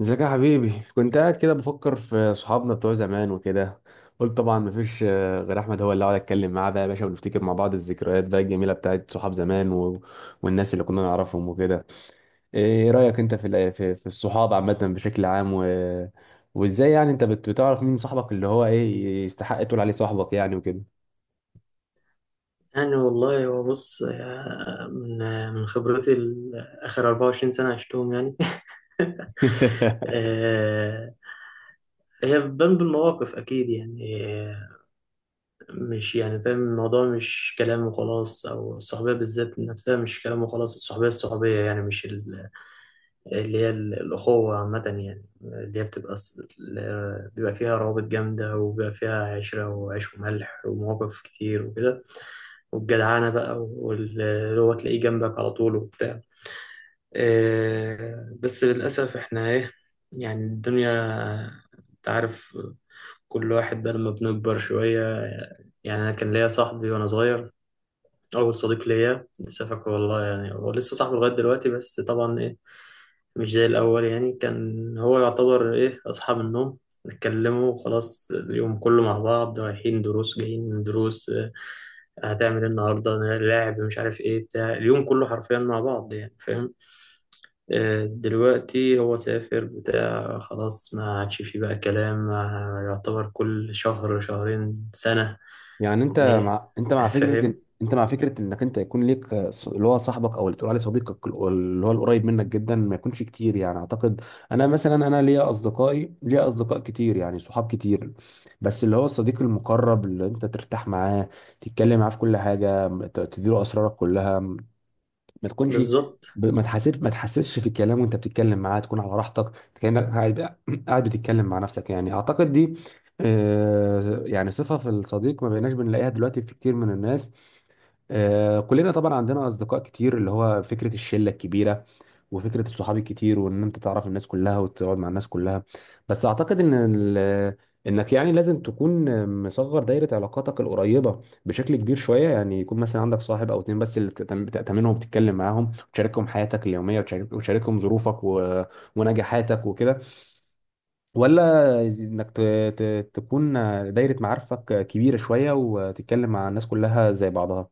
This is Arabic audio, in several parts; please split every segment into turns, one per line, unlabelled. ازيك يا حبيبي؟ كنت قاعد كده بفكر في صحابنا بتوع زمان وكده. قلت طبعا مفيش غير احمد هو اللي اقعد اتكلم معاه بقى يا باشا، ونفتكر مع بعض الذكريات بقى الجميله بتاعت صحاب زمان والناس اللي كنا نعرفهم وكده. ايه رايك انت في الصحاب عامه بشكل عام وازاي يعني انت بتعرف مين صاحبك اللي هو ايه يستحق تقول عليه صاحبك، يعني وكده.
يعني والله هو بص، من من خبرتي آخر 24 سنة عشتهم يعني. آه، هي بتبان بالمواقف أكيد يعني مش يعني فاهم الموضوع، مش كلام وخلاص، أو الصحوبية بالذات نفسها مش كلام وخلاص. الصحوبية يعني مش اللي هي الأخوة عامة، يعني اللي هي بتبقى بيبقى فيها روابط جامدة، وبيبقى فيها عشرة وعيش وملح ومواقف كتير وكده. والجدعانة بقى، واللي هو تلاقيه جنبك على طول وبتاع. بس للأسف إحنا إيه، يعني الدنيا، أنت عارف، كل واحد بقى لما بنكبر شوية. يعني أنا كان ليا صاحبي وأنا صغير، أول صديق ليا لسه فاكره والله، يعني هو لسه صاحبه لغاية دلوقتي، بس طبعا إيه، مش زي الأول. يعني كان هو يعتبر إيه أصحاب النوم، نتكلموا خلاص اليوم كله مع بعض، رايحين دروس جايين من دروس هتعمل إيه النهاردة، لعب، مش عارف إيه، بتاع اليوم كله حرفيا مع بعض يعني، فاهم. دلوقتي هو سافر بتاع، خلاص ما عادش فيه بقى كلام، ما يعتبر كل شهر شهرين سنة
يعني انت
إيه.
مع انت مع فكره
فاهم.
انت مع فكره انك انت يكون ليك اللي هو صاحبك او اللي تقول عليه صديقك اللي هو القريب منك جدا ما يكونش كتير، يعني اعتقد. انا مثلا ليا اصدقائي، ليا اصدقاء كتير، يعني صحاب كتير. بس اللي هو الصديق المقرب اللي انت ترتاح معاه، تتكلم معاه في كل حاجه، تديله اسرارك كلها. ما تكونش
بالظبط.
ب- ما تحسب ما تحسسش في الكلام وانت بتتكلم معاه، تكون على راحتك، كانك قاعد قاعد بتتكلم مع نفسك، يعني اعتقد دي يعني صفة في الصديق ما بقيناش بنلاقيها دلوقتي في كتير من الناس. كلنا طبعا عندنا اصدقاء كتير، اللي هو فكره الشله الكبيره، وفكره الصحاب الكتير، وان انت تعرف الناس كلها وتقعد مع الناس كلها. بس اعتقد انك يعني لازم تكون مصغر دايره علاقاتك القريبه بشكل كبير شويه، يعني يكون مثلا عندك صاحب او اتنين بس اللي بتأتمنهم وبتتكلم معاهم وتشاركهم حياتك اليوميه، وتشاركهم ظروفك ونجاحاتك وكده، ولا انك ت... تكون دايره معارفك كبيره شويه وتتكلم مع الناس كلها زي بعضها.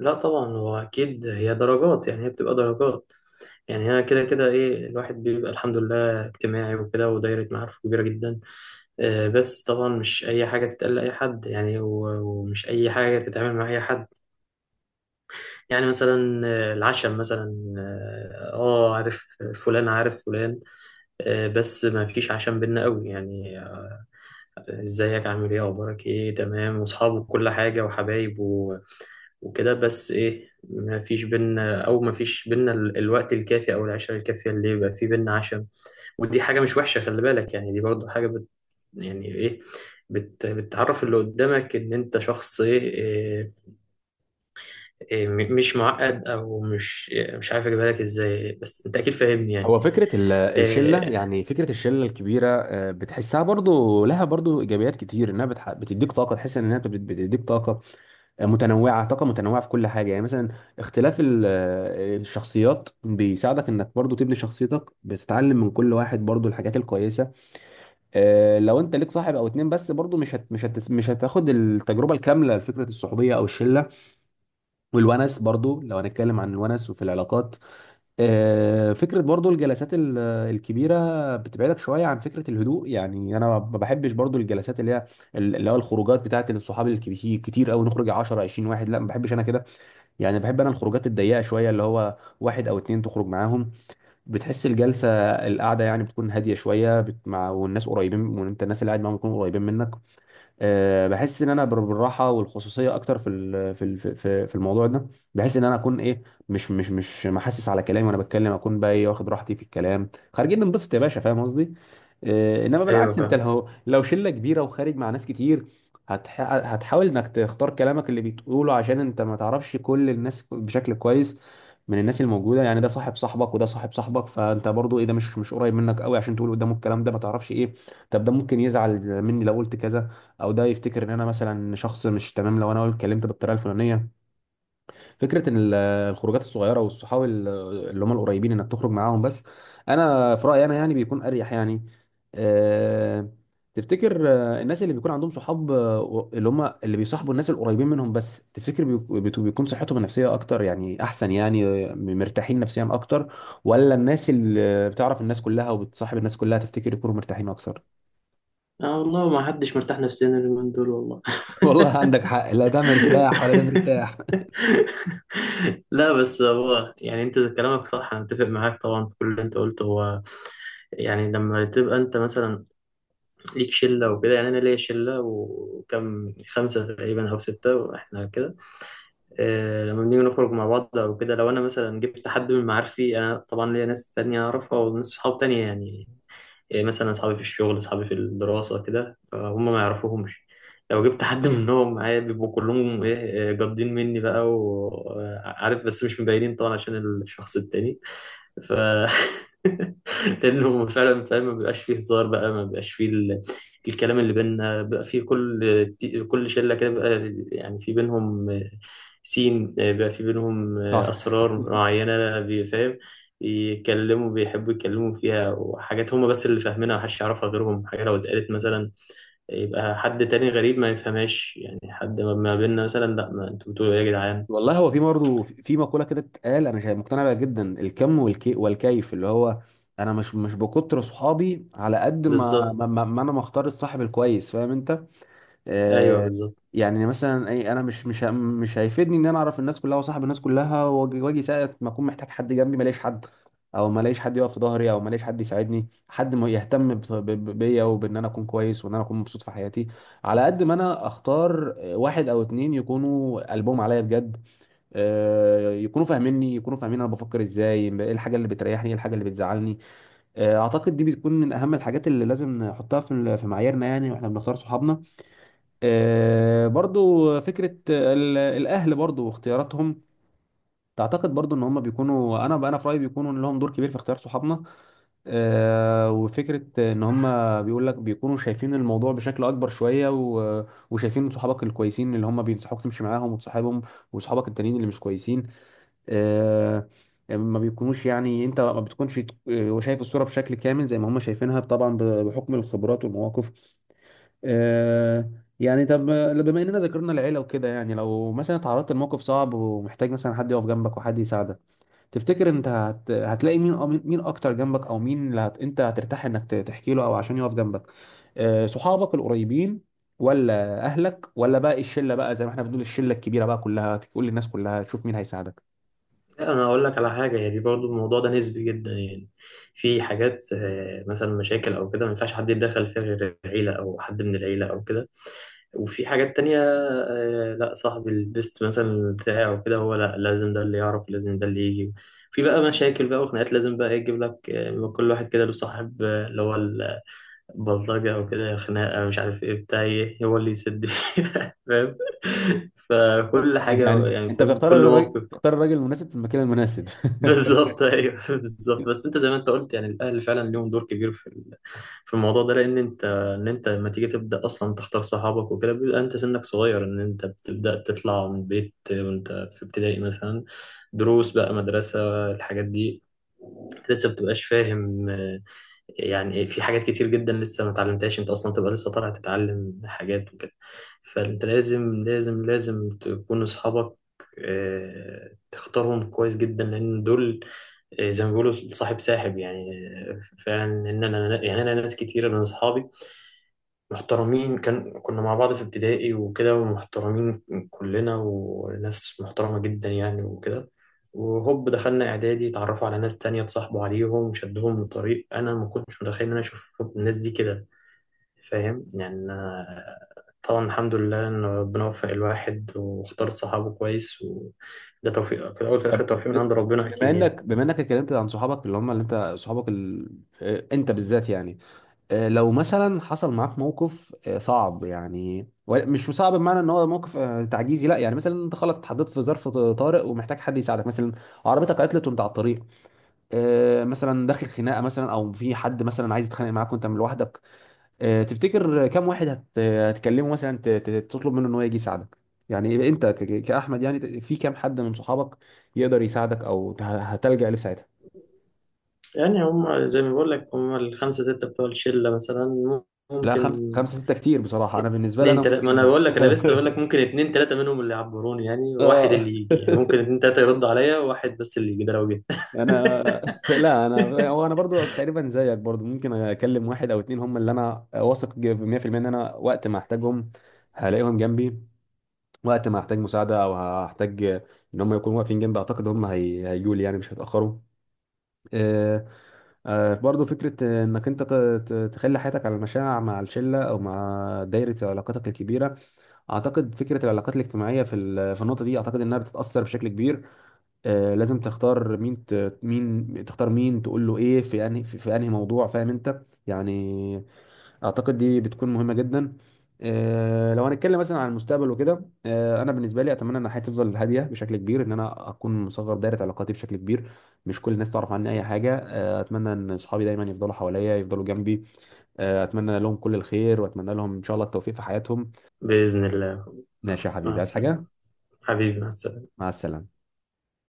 لا طبعا، هو اكيد هي درجات، يعني هي بتبقى درجات. يعني انا كده كده ايه، الواحد بيبقى الحمد لله اجتماعي وكده، ودايره معارفه كبيره جدا. بس طبعا مش اي حاجه تتقال لاي حد يعني، و- ومش اي حاجه تتعامل مع اي حد. يعني مثلا العشم مثلا، اه عارف فلان عارف فلان، بس ما فيش عشم بينا قوي يعني ازيك، عامل ايه، اخبارك ايه، تمام، واصحابه، كل حاجه وحبايب وكده، بس ايه ما فيش بينا الوقت الكافي او العشرة الكافية اللي يبقى في بينا عشم. ودي حاجة مش وحشة، خلي بالك يعني، دي برضو حاجة بت يعني ايه بت بتعرف اللي قدامك ان انت شخص ايه, إيه, إيه م- مش معقد، او مش إيه، مش عارف اجيبها لك ازاي، بس انت اكيد فاهمني يعني.
هو فكرة الشلة،
إيه،
يعني فكرة الشلة الكبيرة، بتحسها برضو، لها برضو إيجابيات كتير، إنها بتديك طاقة، تحس إنها بتديك طاقة متنوعة، طاقة متنوعة في كل حاجة، يعني مثلا اختلاف الشخصيات بيساعدك إنك برضو تبني شخصيتك، بتتعلم من كل واحد برضو الحاجات الكويسة. لو أنت ليك صاحب أو اتنين بس، برضو مش هتاخد التجربة الكاملة لفكرة الصحوبية أو الشلة، والونس برضو، لو هنتكلم عن الونس وفي العلاقات. فكرة برضو الجلسات الكبيرة بتبعدك شوية عن فكرة الهدوء، يعني أنا ما بحبش برضو الجلسات اللي هو الخروجات بتاعت الصحاب الكبير، كتير أوي نخرج 10 20 واحد، لا ما بحبش أنا كده. يعني بحب أنا الخروجات الضيقة شوية، اللي هو واحد أو اتنين تخرج معاهم. بتحس الجلسة، القعدة يعني بتكون هادية شوية، بت... مع والناس قريبين، وأنت الناس اللي قاعد معاهم يكونوا قريبين منك. بحس ان انا بالراحه والخصوصيه اكتر في ال- في ال- في في الموضوع ده. بحس ان انا اكون ايه، مش محسس على كلامي وانا بتكلم، اكون بقى ايه، واخد راحتي في الكلام، خارجين ننبسط يا باشا، فاهم قصدي؟ انما
ايوه
بالعكس، انت
فاهم.
لو شله كبيره وخارج مع ناس كتير، هتحاول انك تختار كلامك اللي بتقوله، عشان انت ما تعرفش كل الناس بشكل كويس من الناس الموجوده، يعني ده صاحب صاحبك وده صاحب صاحبك، فانت برضو ايه، ده مش قريب منك قوي عشان تقول قدامه الكلام ده، ما تعرفش ايه، طب ده ممكن يزعل مني لو قلت كذا، او ده يفتكر ان انا مثلا شخص مش تمام لو انا اتكلمت بالطريقه الفلانيه. فكره ان الخروجات الصغيره، والصحاب اللي هم القريبين، انك تخرج معاهم بس، انا في رايي انا يعني بيكون اريح يعني. أه. تفتكر الناس اللي بيكون عندهم صحاب، اللي هم اللي بيصاحبوا الناس القريبين منهم بس، تفتكر بيكون صحتهم النفسيه اكتر، يعني احسن يعني، مرتاحين نفسيا اكتر، ولا الناس اللي بتعرف الناس كلها وبتصاحب الناس كلها تفتكر يكونوا مرتاحين اكتر؟
اه والله ما حدش مرتاح نفسيا اليومين دول والله.
والله عندك حق، لا ده مرتاح ولا ده مرتاح.
لا بس هو يعني انت كلامك صح، انا متفق معاك طبعا في كل اللي انت قلته. هو يعني لما تبقى انت مثلا ليك شله وكده، يعني انا ليا شله وكم خمسه تقريبا او سته، واحنا كده. لما بنيجي نخرج مع بعض او كده، لو انا مثلا جبت حد من معارفي، انا طبعا ليا ناس تانية اعرفها وناس صحاب تانية يعني، إيه، مثلا أصحابي في الشغل، أصحابي في الدراسة كده، هم ما يعرفوهمش. لو جبت حد منهم معايا، بيبقوا كلهم إيه، جادين مني بقى وعارف، بس مش مبينين طبعا عشان الشخص التاني. ف لأنه فعلا فاهم، ما بيبقاش فيه هزار بقى، ما بيبقاش فيه ال... الكلام اللي بيننا بقى، فيه كل كل شلة كده بقى، يعني في بينهم سين بقى، في بينهم
صح.
أسرار معينة بيفهم، يكلموا بيحبوا يتكلموا فيها، وحاجات هما بس اللي فاهمينها، محدش يعرفها غيرهم. حاجة لو اتقالت مثلا، يبقى حد تاني غريب ما يفهمهاش. يعني حد ما بيننا مثلا، لا ما انتوا بتقولوا ايه يا جدعان.
والله هو في برضه، في مقوله كده اتقال انا شايف مقتنع بيها جدا، الكم والكي والكيف، اللي هو انا مش بكتر صحابي على قد ما
بالظبط،
ما, ما ما انا مختار الصاحب الكويس، فاهم انت؟
ايوه
آه.
بالظبط.
يعني مثلا اي، انا مش هيفيدني ان انا اعرف الناس كلها وصاحب الناس كلها، واجي وأجي ساعه ما اكون محتاج حد جنبي ما الاقيش حد، او ما الاقيش حد يقف في ظهري، او ما الاقيش حد يساعدني، حد ما يهتم بيا وبان انا اكون كويس، وان انا اكون مبسوط في حياتي، على قد ما انا اختار واحد او اتنين يكونوا قلبهم عليا بجد، يكونوا فاهميني، يكونوا فاهمين انا بفكر ازاي، ايه الحاجه اللي بتريحني، ايه الحاجه اللي بتزعلني. اعتقد دي بتكون من اهم الحاجات اللي لازم نحطها في معاييرنا، يعني واحنا بنختار صحابنا. برضو فكره الاهل برضو واختياراتهم، تعتقد برضو ان هم بيكونوا، انا في رايي بيكونوا لهم دور كبير في اختيار صحابنا. وفكره ان هم بيقول لك بيكونوا شايفين الموضوع بشكل اكبر شويه وشايفين صحابك الكويسين اللي هم بينصحوك تمشي معاهم وتصاحبهم، وصحابك التانيين اللي مش كويسين، آه، ما بيكونوش، يعني انت ما بتكونش شايف الصورة بشكل كامل زي ما هم شايفينها، طبعا بحكم الخبرات والمواقف. آه، يعني طب، بما اننا ذكرنا العيلة وكده، يعني لو مثلا اتعرضت لموقف صعب ومحتاج مثلا حد يقف جنبك وحد يساعدك، تفتكر انت هتلاقي مين، أو مين اكتر جنبك، او مين اللي انت هترتاح انك تحكي له، او عشان يقف جنبك؟ صحابك القريبين، ولا اهلك، ولا بقى الشله بقى زي ما احنا بنقول الشله الكبيره بقى كلها، تقول للناس كلها تشوف مين هيساعدك؟
لا انا اقول لك على حاجه، يعني برضو الموضوع ده نسبي جدا. يعني في حاجات مثلا مشاكل او كده، ما ينفعش حد يتدخل فيها غير العيله، او حد من العيله او كده. وفي حاجات تانية لا، صاحب البيست مثلا بتاعي او كده، هو لا، لازم ده اللي يعرف، لازم ده اللي يجي. في بقى مشاكل بقى وخناقات، لازم بقى يجيب لك آه،، كل واحد كده له صاحب اللي هو البلطجة او كده، خناقة مش عارف ايه بتاع ايه، هو اللي يسد فيها. فاهم،
بالظبط.
فكل حاجة
يعني
يعني،
انت
فاهم كل موقف.
بتختار الراجل المناسب في المكان المناسب.
بالظبط ايوه بالظبط. بس انت زي ما انت قلت يعني، الاهل فعلا ليهم دور كبير في في الموضوع ده. لان انت لما تيجي تبدا اصلا تختار صحابك وكده، بيبقى انت سنك صغير، ان انت بتبدا تطلع من البيت وانت في ابتدائي مثلا، دروس بقى، مدرسه، الحاجات دي لسه بتبقاش فاهم. يعني في حاجات كتير جدا لسه ما اتعلمتهاش، انت اصلا تبقى لسه طالع تتعلم حاجات وكده. فانت لازم لازم لازم تكون اصحابك تختارهم كويس جدا، لان دول زي ما بيقولوا صاحب ساحب يعني فعلا. ان انا يعني انا ناس كتيره من اصحابي محترمين، كان كنا مع بعض في ابتدائي وكده، ومحترمين كلنا وناس محترمة جدا يعني وكده. وهوب دخلنا إعدادي، اتعرفوا على ناس تانية، اتصاحبوا عليهم، شدهم لطريق أنا ما كنتش متخيل إن أنا أشوف الناس دي كده. فاهم يعني طبعا الحمد لله إن ربنا وفق الواحد واختار صحابه كويس، وده توفيق في الأول وفي
طب،
الآخر، توفيق من
ب-
عند ربنا
بما
أكيد يعني.
انك بما انك اتكلمت عن صحابك، اللي هم اللي انت بالذات يعني. لو مثلا حصل معاك موقف صعب يعني، مش صعب بمعنى ان هو موقف تعجيزي لا، يعني مثلا انت خلاص اتحطيت في ظرف طارئ ومحتاج حد يساعدك مثلا، عربيتك عطلت وانت على الطريق، مثلا داخل خناقه مثلا، او في حد مثلا عايز يتخانق معاك وانت من لوحدك، تفتكر كم واحد هتكلمه مثلا، تطلب منه ان هو يجي يساعدك؟ يعني انت كأحمد يعني في كم حد من صحابك يقدر يساعدك، او هتلجأ له في ساعتها؟
يعني هم زي ما بقول لك، هم الخمسة ستة بتوع الشلة مثلا،
لا،
ممكن
خمسة، خمسة ستة كتير بصراحة، انا بالنسبة لي
اتنين
انا
تلاتة. ما انا
ممكن.
بقول لك، انا لسه بقول لك ممكن اتنين تلاتة منهم اللي يعبروني يعني، واحد
اه.
اللي يجي يعني، ممكن اتنين تلاتة يرد عليا، واحد بس اللي يجي ده لو جه.
انا، لا انا، هو انا برضو تقريبا زيك، برضو ممكن اكلم واحد او اتنين هم اللي انا واثق 100% ان انا وقت ما احتاجهم هلاقيهم جنبي، وقت ما احتاج مساعدة او هحتاج ان هم يكونوا واقفين جنبي، اعتقد هم هيجوا لي، يعني مش هيتأخروا. آه، برضو فكرة انك انت تخلي حياتك على المشاع مع الشلة او مع دايرة علاقاتك الكبيرة، اعتقد فكرة العلاقات الاجتماعية في النقطة دي، اعتقد انها بتتأثر بشكل كبير. لازم تختار مين، مين تختار، مين تقول له ايه، في انهي موضوع، فاهم انت يعني؟ اعتقد دي بتكون مهمه جدا. لو هنتكلم مثلا عن المستقبل وكده، انا بالنسبه لي اتمنى ان حياتي تفضل هاديه بشكل كبير، ان انا اكون مصغر دايره علاقاتي بشكل كبير، مش كل الناس تعرف عني اي حاجه، اتمنى ان اصحابي دايما يفضلوا حواليا، يفضلوا جنبي. اتمنى لهم كل الخير، واتمنى لهم ان شاء الله التوفيق في حياتهم.
بإذن الله.
ماشي يا
مع
حبيبي، عايز
السلامة.
حاجه؟
حبيبي مع السلامة.
مع السلامه.